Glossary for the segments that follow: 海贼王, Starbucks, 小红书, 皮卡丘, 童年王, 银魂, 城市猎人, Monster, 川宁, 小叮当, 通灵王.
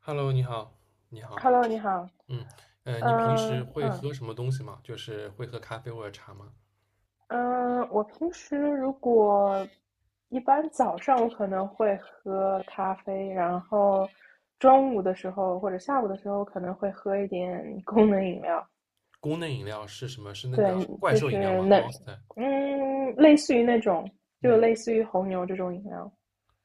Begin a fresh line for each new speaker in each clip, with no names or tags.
Hello，你好，你好，
Hello，你好。
嗯，你平
嗯
时会
嗯
喝什么东西吗？就是会喝咖啡或者茶吗？
嗯，我平时一般早上我可能会喝咖啡，然后中午的时候或者下午的时候可能会喝一点功能饮料。
功能饮料是什么？是那个
对，
怪
就
兽饮料
是
吗
那
？Monster。
嗯，类似于那种，就
嗯，
类似于红牛这种饮料。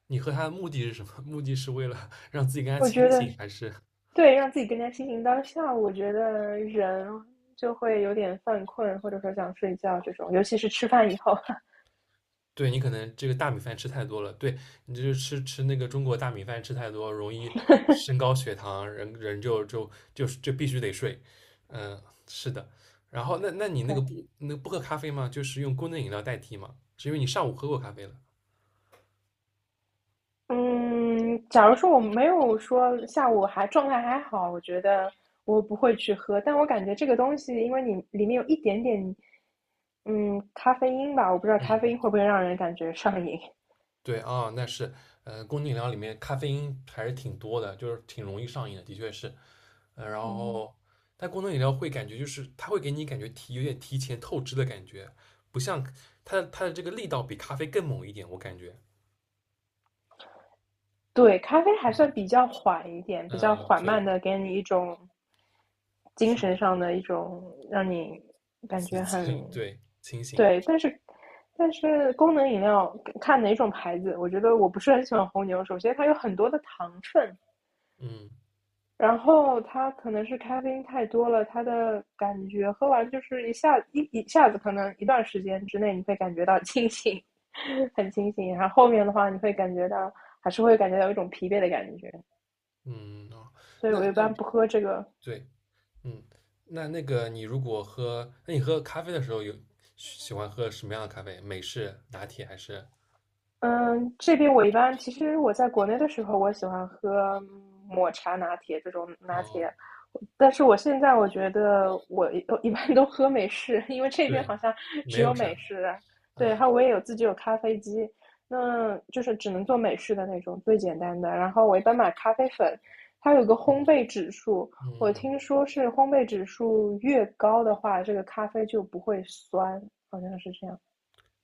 你喝它的目的是什么？目的是为了 让自己更加
我
清
觉得
醒，还是
对，让自己更加清醒当下，我觉得人就会有点犯困，或者说想睡觉这种，尤其是吃饭以后。
对，你可能这个大米饭吃太多了？对，你就是吃那个中国大米饭吃太多，容易升 高血糖，人就必须得睡。嗯、是的。然后那你那个
对，
不喝咖啡吗？就是用功能饮料代替吗？是因为你上午喝过咖啡了。
嗯，假如说我没有说下午还状态还好，我觉得我不会去喝。但我感觉这个东西，因为你里面有一点点，咖啡因吧，我不知道咖啡
嗯，
因会不会让人感觉上瘾。
对啊，那是，功能饮料里面咖啡因还是挺多的，就是挺容易上瘾的，的确是。然
嗯。
后，但功能饮料会感觉就是它会给你感觉有点提前透支的感觉，不像它的这个力道比咖啡更猛一点，我感觉。
对，咖啡还算比较缓一点，比较
嗯，
缓
对，
慢的，给你一种精
是
神
的，
上的一种，让你感
刺
觉
激，
很，
对，清醒。
对，但是功能饮料看哪种牌子，我觉得我不是很喜欢红牛。首先，它有很多的糖分，
嗯
然后它可能是咖啡因太多了，它的感觉喝完就是一下子，可能一段时间之内你会感觉到清醒，很清醒，然后后面的话你会感觉到一种疲惫的感觉。
嗯哦，
所以
那
我一
那
般不喝这个。
对，嗯，那个你如果喝，那你喝咖啡的时候有喜欢喝什么样的咖啡？美式、拿铁还是？
嗯，这边我一般其实我在国内的时候，我喜欢喝抹茶拿铁这种拿
哦
铁，但是我现在我觉得一般都喝美式，因为这边
对，
好像
没
只有
有
美
啥，
式。对，然
嗯
后我也有自己有咖啡机，那就是只能做美式的那种最简单的。然后我一般买咖啡粉，它有个烘焙指数。我
嗯。
听说是烘焙指数越高的话，这个咖啡就不会酸，好像是这样。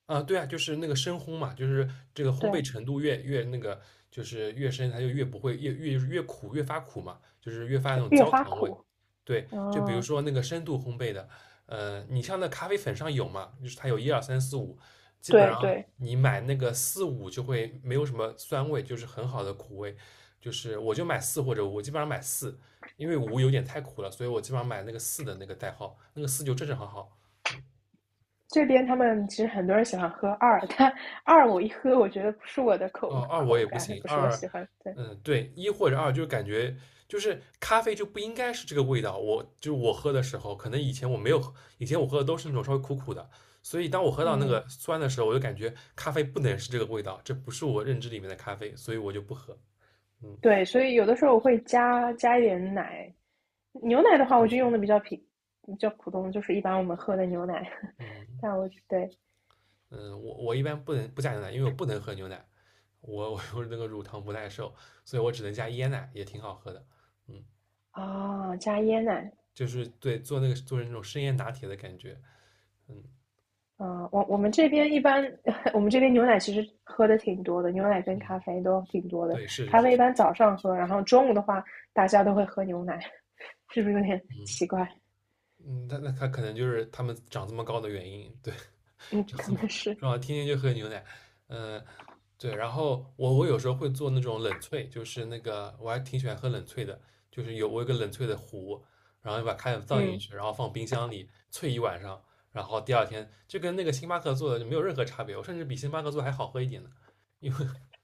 啊，对啊，就是那个深烘嘛，就是这个烘焙
对，
程度越那个，就是越深，它就越不会越苦，越发苦嘛，就是越发那种
越
焦
发
糖味。
苦。
对，就比如
嗯，
说那个深度烘焙的，你像那咖啡粉上有嘛，就是它有一二三四五，基本
对
上
对，
你买那个四五就会没有什么酸味，就是很好的苦味。就是我就买四或者五，我基本上买四，因为五有点太苦了，所以我基本上买那个四的那个代号，那个四就正正好好。
这边他们其实很多人喜欢喝二，但二我一喝，我觉得不是我的
哦，
口
二我
口
也不
感，
行，
不是我
二，
喜欢。对
嗯，对，一或者二，就是感觉就是咖啡就不应该是这个味道。我就是我喝的时候，可能以前我没有喝，以前我喝的都是那种稍微苦苦的，所以当我喝到那
嗯
个酸的时候，我就感觉咖啡不能是这个味道，这不是我认知里面的咖啡，所以我就不喝。嗯
对，所以有的时候我会加一点奶。牛奶的话，我就用的比较平，比较普通，就是一般我们喝的牛奶。
嗯
但我对
嗯，我一般不能不加牛奶，因为我不能喝牛奶，我有那个乳糖不耐受，所以我只能加椰奶，也挺好喝的。嗯，
啊，加椰奶。
就是对做成那种生椰拿铁的感觉。嗯。
嗯，我我们这边一般，我们这边牛奶其实喝的挺多的，牛奶跟咖啡都挺多的。
对，是
咖
是
啡一
是，
般早上喝，然后中午的话，大家都会喝牛奶。是不是有点
嗯
奇怪？
嗯，那他可能就是他们长这么高的原因，对，
嗯，
长
可
这么
能是，
是吧？天天就喝牛奶，嗯，对，然后我有时候会做那种冷萃，就是那个我还挺喜欢喝冷萃的，就是我有个冷萃的壶，然后把开水倒进
嗯
去，然后放冰箱里萃一晚上，然后第二天就跟那个星巴克做的就没有任何差别，我甚至比星巴克做的还好喝一点呢，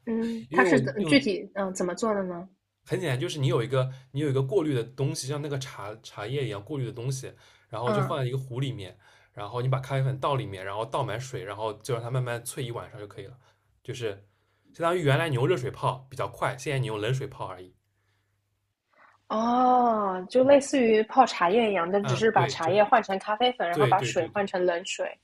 嗯，
因为
它
我
是
用
怎么做的呢？
很简单，就是你有一个过滤的东西，像那个茶叶一样过滤的东西，然后就放
嗯
在一个壶里面，然后你把咖啡粉倒里面，然后倒满水，然后就让它慢慢萃一晚上就可以了。就是相当于原来你用热水泡比较快，现在你用冷水泡而已。
哦，就
嗯
类似于泡茶叶一样，但只
啊，
是把
对，
茶
就
叶换成咖啡粉，然后
对
把
对
水
对
换成冷水。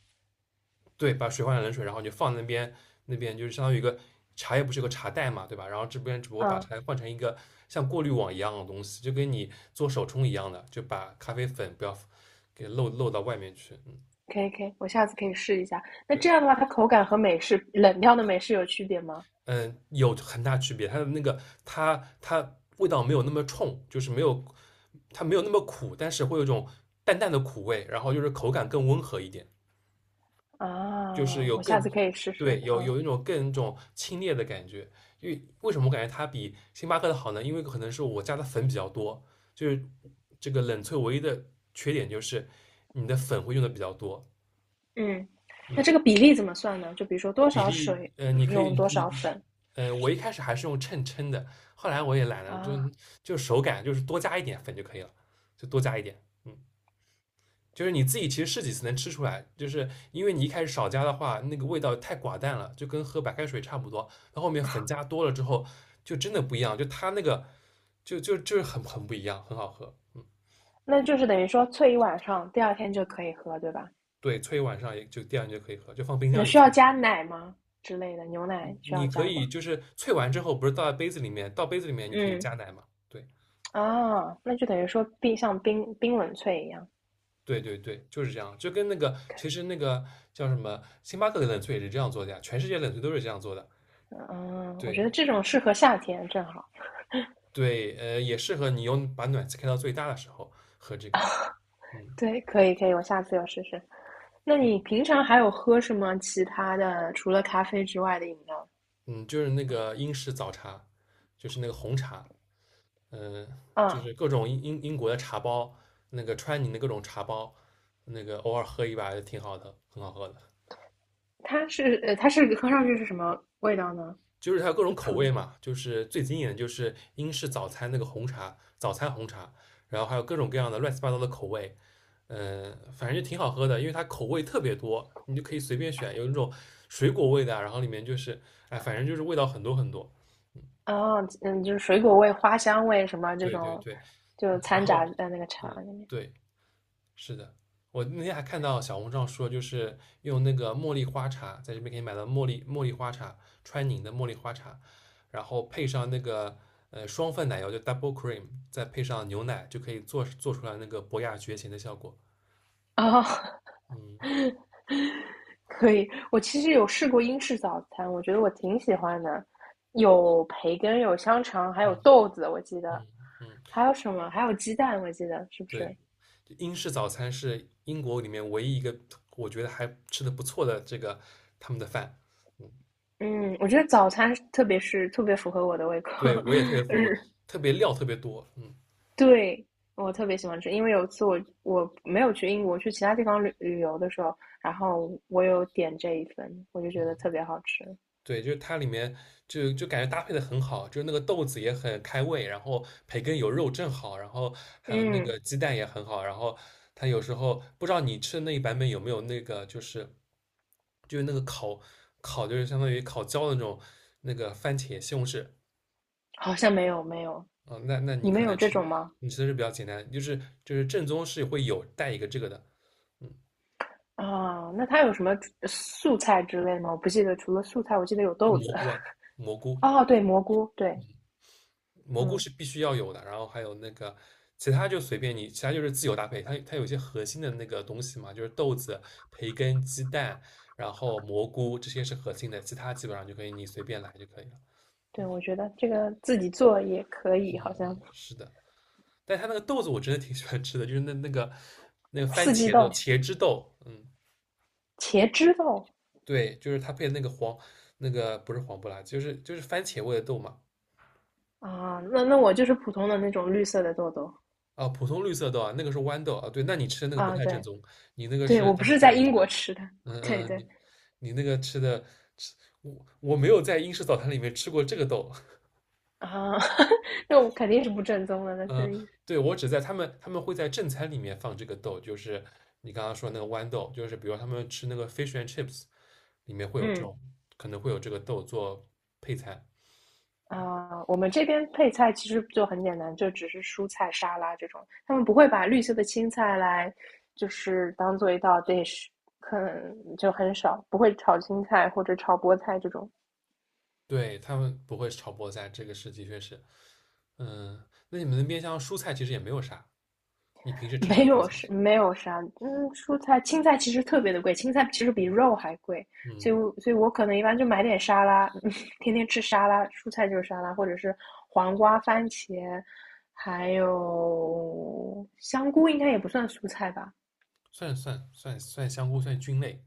对，把水换成冷水，然后你就放那边，那边就是相当于一个茶叶不是有个茶袋嘛，对吧？然后这边只不过把
嗯，
茶换成一个像过滤网一样的东西，就跟你做手冲一样的，就把咖啡粉不要给漏到外面去。嗯，
可以可以，我下次可以试一下。那
对，
这样的话，它口感和美式冷掉的美式有区别吗？
嗯，有很大区别，它的那个它它味道没有那么冲，就是没有它没有那么苦，但是会有一种淡淡的苦味，然后就是口感更温和一点。就是
啊，我下次可以试试。
对，有
嗯，
有一种一种清冽的感觉。为什么我感觉它比星巴克的好呢？因为可能是我加的粉比较多，就是这个冷萃唯一的缺点就是你的粉会用的比较多，
嗯那
嗯，
这个比例怎么算呢？就比如说多
比
少
例，
水
你可以，
用多少
你，
粉
我一开始还是用秤称的，后来我也懒了，就
啊？
就手感就是多加一点粉就可以了，就多加一点，嗯。就是你自己其实试几次能吃出来，就是因为你一开始少加的话，那个味道太寡淡了，就跟喝白开水差不多。到后面粉加多了之后，就真的不一样，就它那个就是很不一样，很好喝。嗯，
那就是等于说萃一晚上，第二天就可以喝，对吧？
对，萃一晚上也就第二天就可以喝，就放冰箱
那
里
需要
萃。
加奶吗？之类的，牛
你
奶需要
你可
加
以
吗？
就是萃完之后，不是倒在杯子里面，倒杯子里面你可以
嗯，
加奶嘛？对
啊，那就等于说像冷萃一样。
对对对，就是这样，就跟那个其实那个叫什么星巴克的冷萃也是这样做的呀，全世界冷萃都是这样做的。
嗯，我觉
对，
得这种适合夏天，正好。
对，也适合你用把暖气开到最大的时候喝这个。嗯
对，可以可以，我下次要试试。那你平常还有喝什么其他的，除了咖啡之外的饮料？
嗯，就是那个英式早茶，就是那个红茶，嗯、就
啊，
是各种英国的茶包，那个川宁的各种茶包，那个偶尔喝一把也挺好的，很好喝的。
它是喝上去是什么味道呢？
就是它有各种
就
口
普
味嘛，就是最经典的就是英式早餐那个红茶，早餐红茶，然后还有各种各样的乱七八糟的口味，嗯、反正就挺好喝的，因为它口味特别多，你就可以随便选，有那种水果味的啊然后里面就是，哎，反正就是味道很多很多。
啊，嗯，就是水果味、花香味什么这
对对
种，
对，
就
嗯，然
掺
后，
杂在那个茶
嗯，
里面。
对，是的，我那天还看到小红书上说，就是用那个茉莉花茶，在这边可以买到茉莉花茶，川宁的茉莉花茶，然后配上那个双份奶油，就 double cream,再配上牛奶，就可以做出来那个博雅绝情的效果。
哦，
嗯
可以，我其实有试过英式早餐，我觉得我挺喜欢的，有培根，有香肠，还有
嗯
豆子，我记得，
嗯嗯，
还有什么？还有鸡蛋，我记得是不是？
对，就英式早餐是英国里面唯一一个我觉得还吃的不错的这个他们的饭。嗯，
嗯，我觉得早餐特别符合我的胃口，
对，我也特别 服，我
日，
特别料特别多。嗯。
对，我特别喜欢吃，因为有一次我没有去英国，去其他地方旅游的时候，然后我有点这一份，我就觉得特别好吃。
对，就是它里面就感觉搭配的很好，就是那个豆子也很开胃，然后培根有肉正好，然后还有那
嗯，
个鸡蛋也很好，然后它有时候不知道你吃的那一版本有没有那个就是那个烤就是相当于烤焦的那种那个番茄西红柿
好像没有没有，
啊，那你
你们
可
有
能
这
吃
种吗？
你吃的是比较简单，就是正宗是会有带一个这个的，嗯，
啊，那它有什么素菜之类吗？我不记得，除了素菜，我记得有豆
蘑
子。
菇啊蘑 菇，
哦，对，蘑菇，对，
蘑菇
嗯，
是必须要有的，然后还有那个其他就随便你，其他就是自由搭配。它有一些核心的那个东西嘛，就是豆子、培根、鸡蛋，然后蘑菇这些是核心的，其他基本上就可以你随便来就可以了。
对，
嗯，
我觉得这个自己做也可以，好像
是的，但它那个豆子我真的挺喜欢吃的，就是那个番
四季
茄的
豆、
茄汁豆，嗯，
茄汁豆
对，就是它配那个黄那个不是黄不拉几就是番茄味的豆嘛。
啊，那那我就是普通的那种绿色的豆豆
啊，普通绿色豆啊，那个是豌豆啊。对，那你吃的那个不
啊，
太正
对
宗，你那个
对，
是
我
他
不
们
是
改
在
良
英
的。
国吃的，
嗯
对
嗯，
对
你那个吃的吃，我没有在英式早餐里面吃过这个豆。
啊，那我肯定是不正宗的，那肯
嗯，
定是，
对，我只在他们会在正餐里面放这个豆，就是你刚刚说那个豌豆，就是比如他们吃那个 fish and chips 里面会有这
嗯
种，可能会有这个豆做配菜。
啊、我们这边配菜其实就很简单，就只是蔬菜沙拉这种，他们不会把绿色的青菜来，就是当做一道 dish，可能就很少，不会炒青菜或者炒菠菜这种，
对，他们不会炒菠菜，这个是的确是。嗯，那你们那边像蔬菜其实也没有啥，你平 时吃啥
没
蔬
有
菜？
是没有啥，嗯，蔬菜青菜其实特别的贵，青菜其实比肉还贵，所
嗯，
以所以我可能一般就买点沙拉，天天吃沙拉，蔬菜就是沙拉，或者是黄瓜、番茄，还有香菇，应该也不算蔬菜吧。
算香菇算菌类。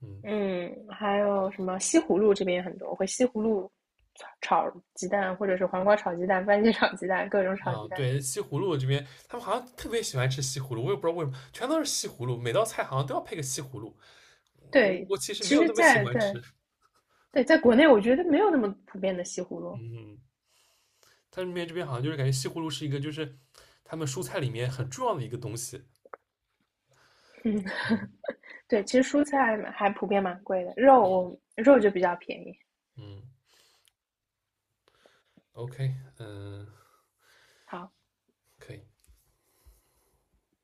嗯。
嗯，还有什么西葫芦这边也很多，我会西葫芦炒鸡蛋，或者是黄瓜炒鸡蛋、番茄炒鸡蛋，各种炒鸡
嗯，
蛋。
对，西葫芦这边他们好像特别喜欢吃西葫芦，我也不知道为什么，全都是西葫芦，每道菜好像都要配个西葫芦。我
对，
我其实没
其
有
实
那么喜
在，
欢吃，
在对在国内，我觉得没有那么普遍的西葫芦。
嗯，他是那这边好像就是感觉西葫芦是一个就是他们蔬菜里面很重要的一个东西。
嗯，
嗯
对，其实蔬菜嘛还普遍蛮贵的，肉就比较便宜。
嗯，OK,嗯，
好，
可以。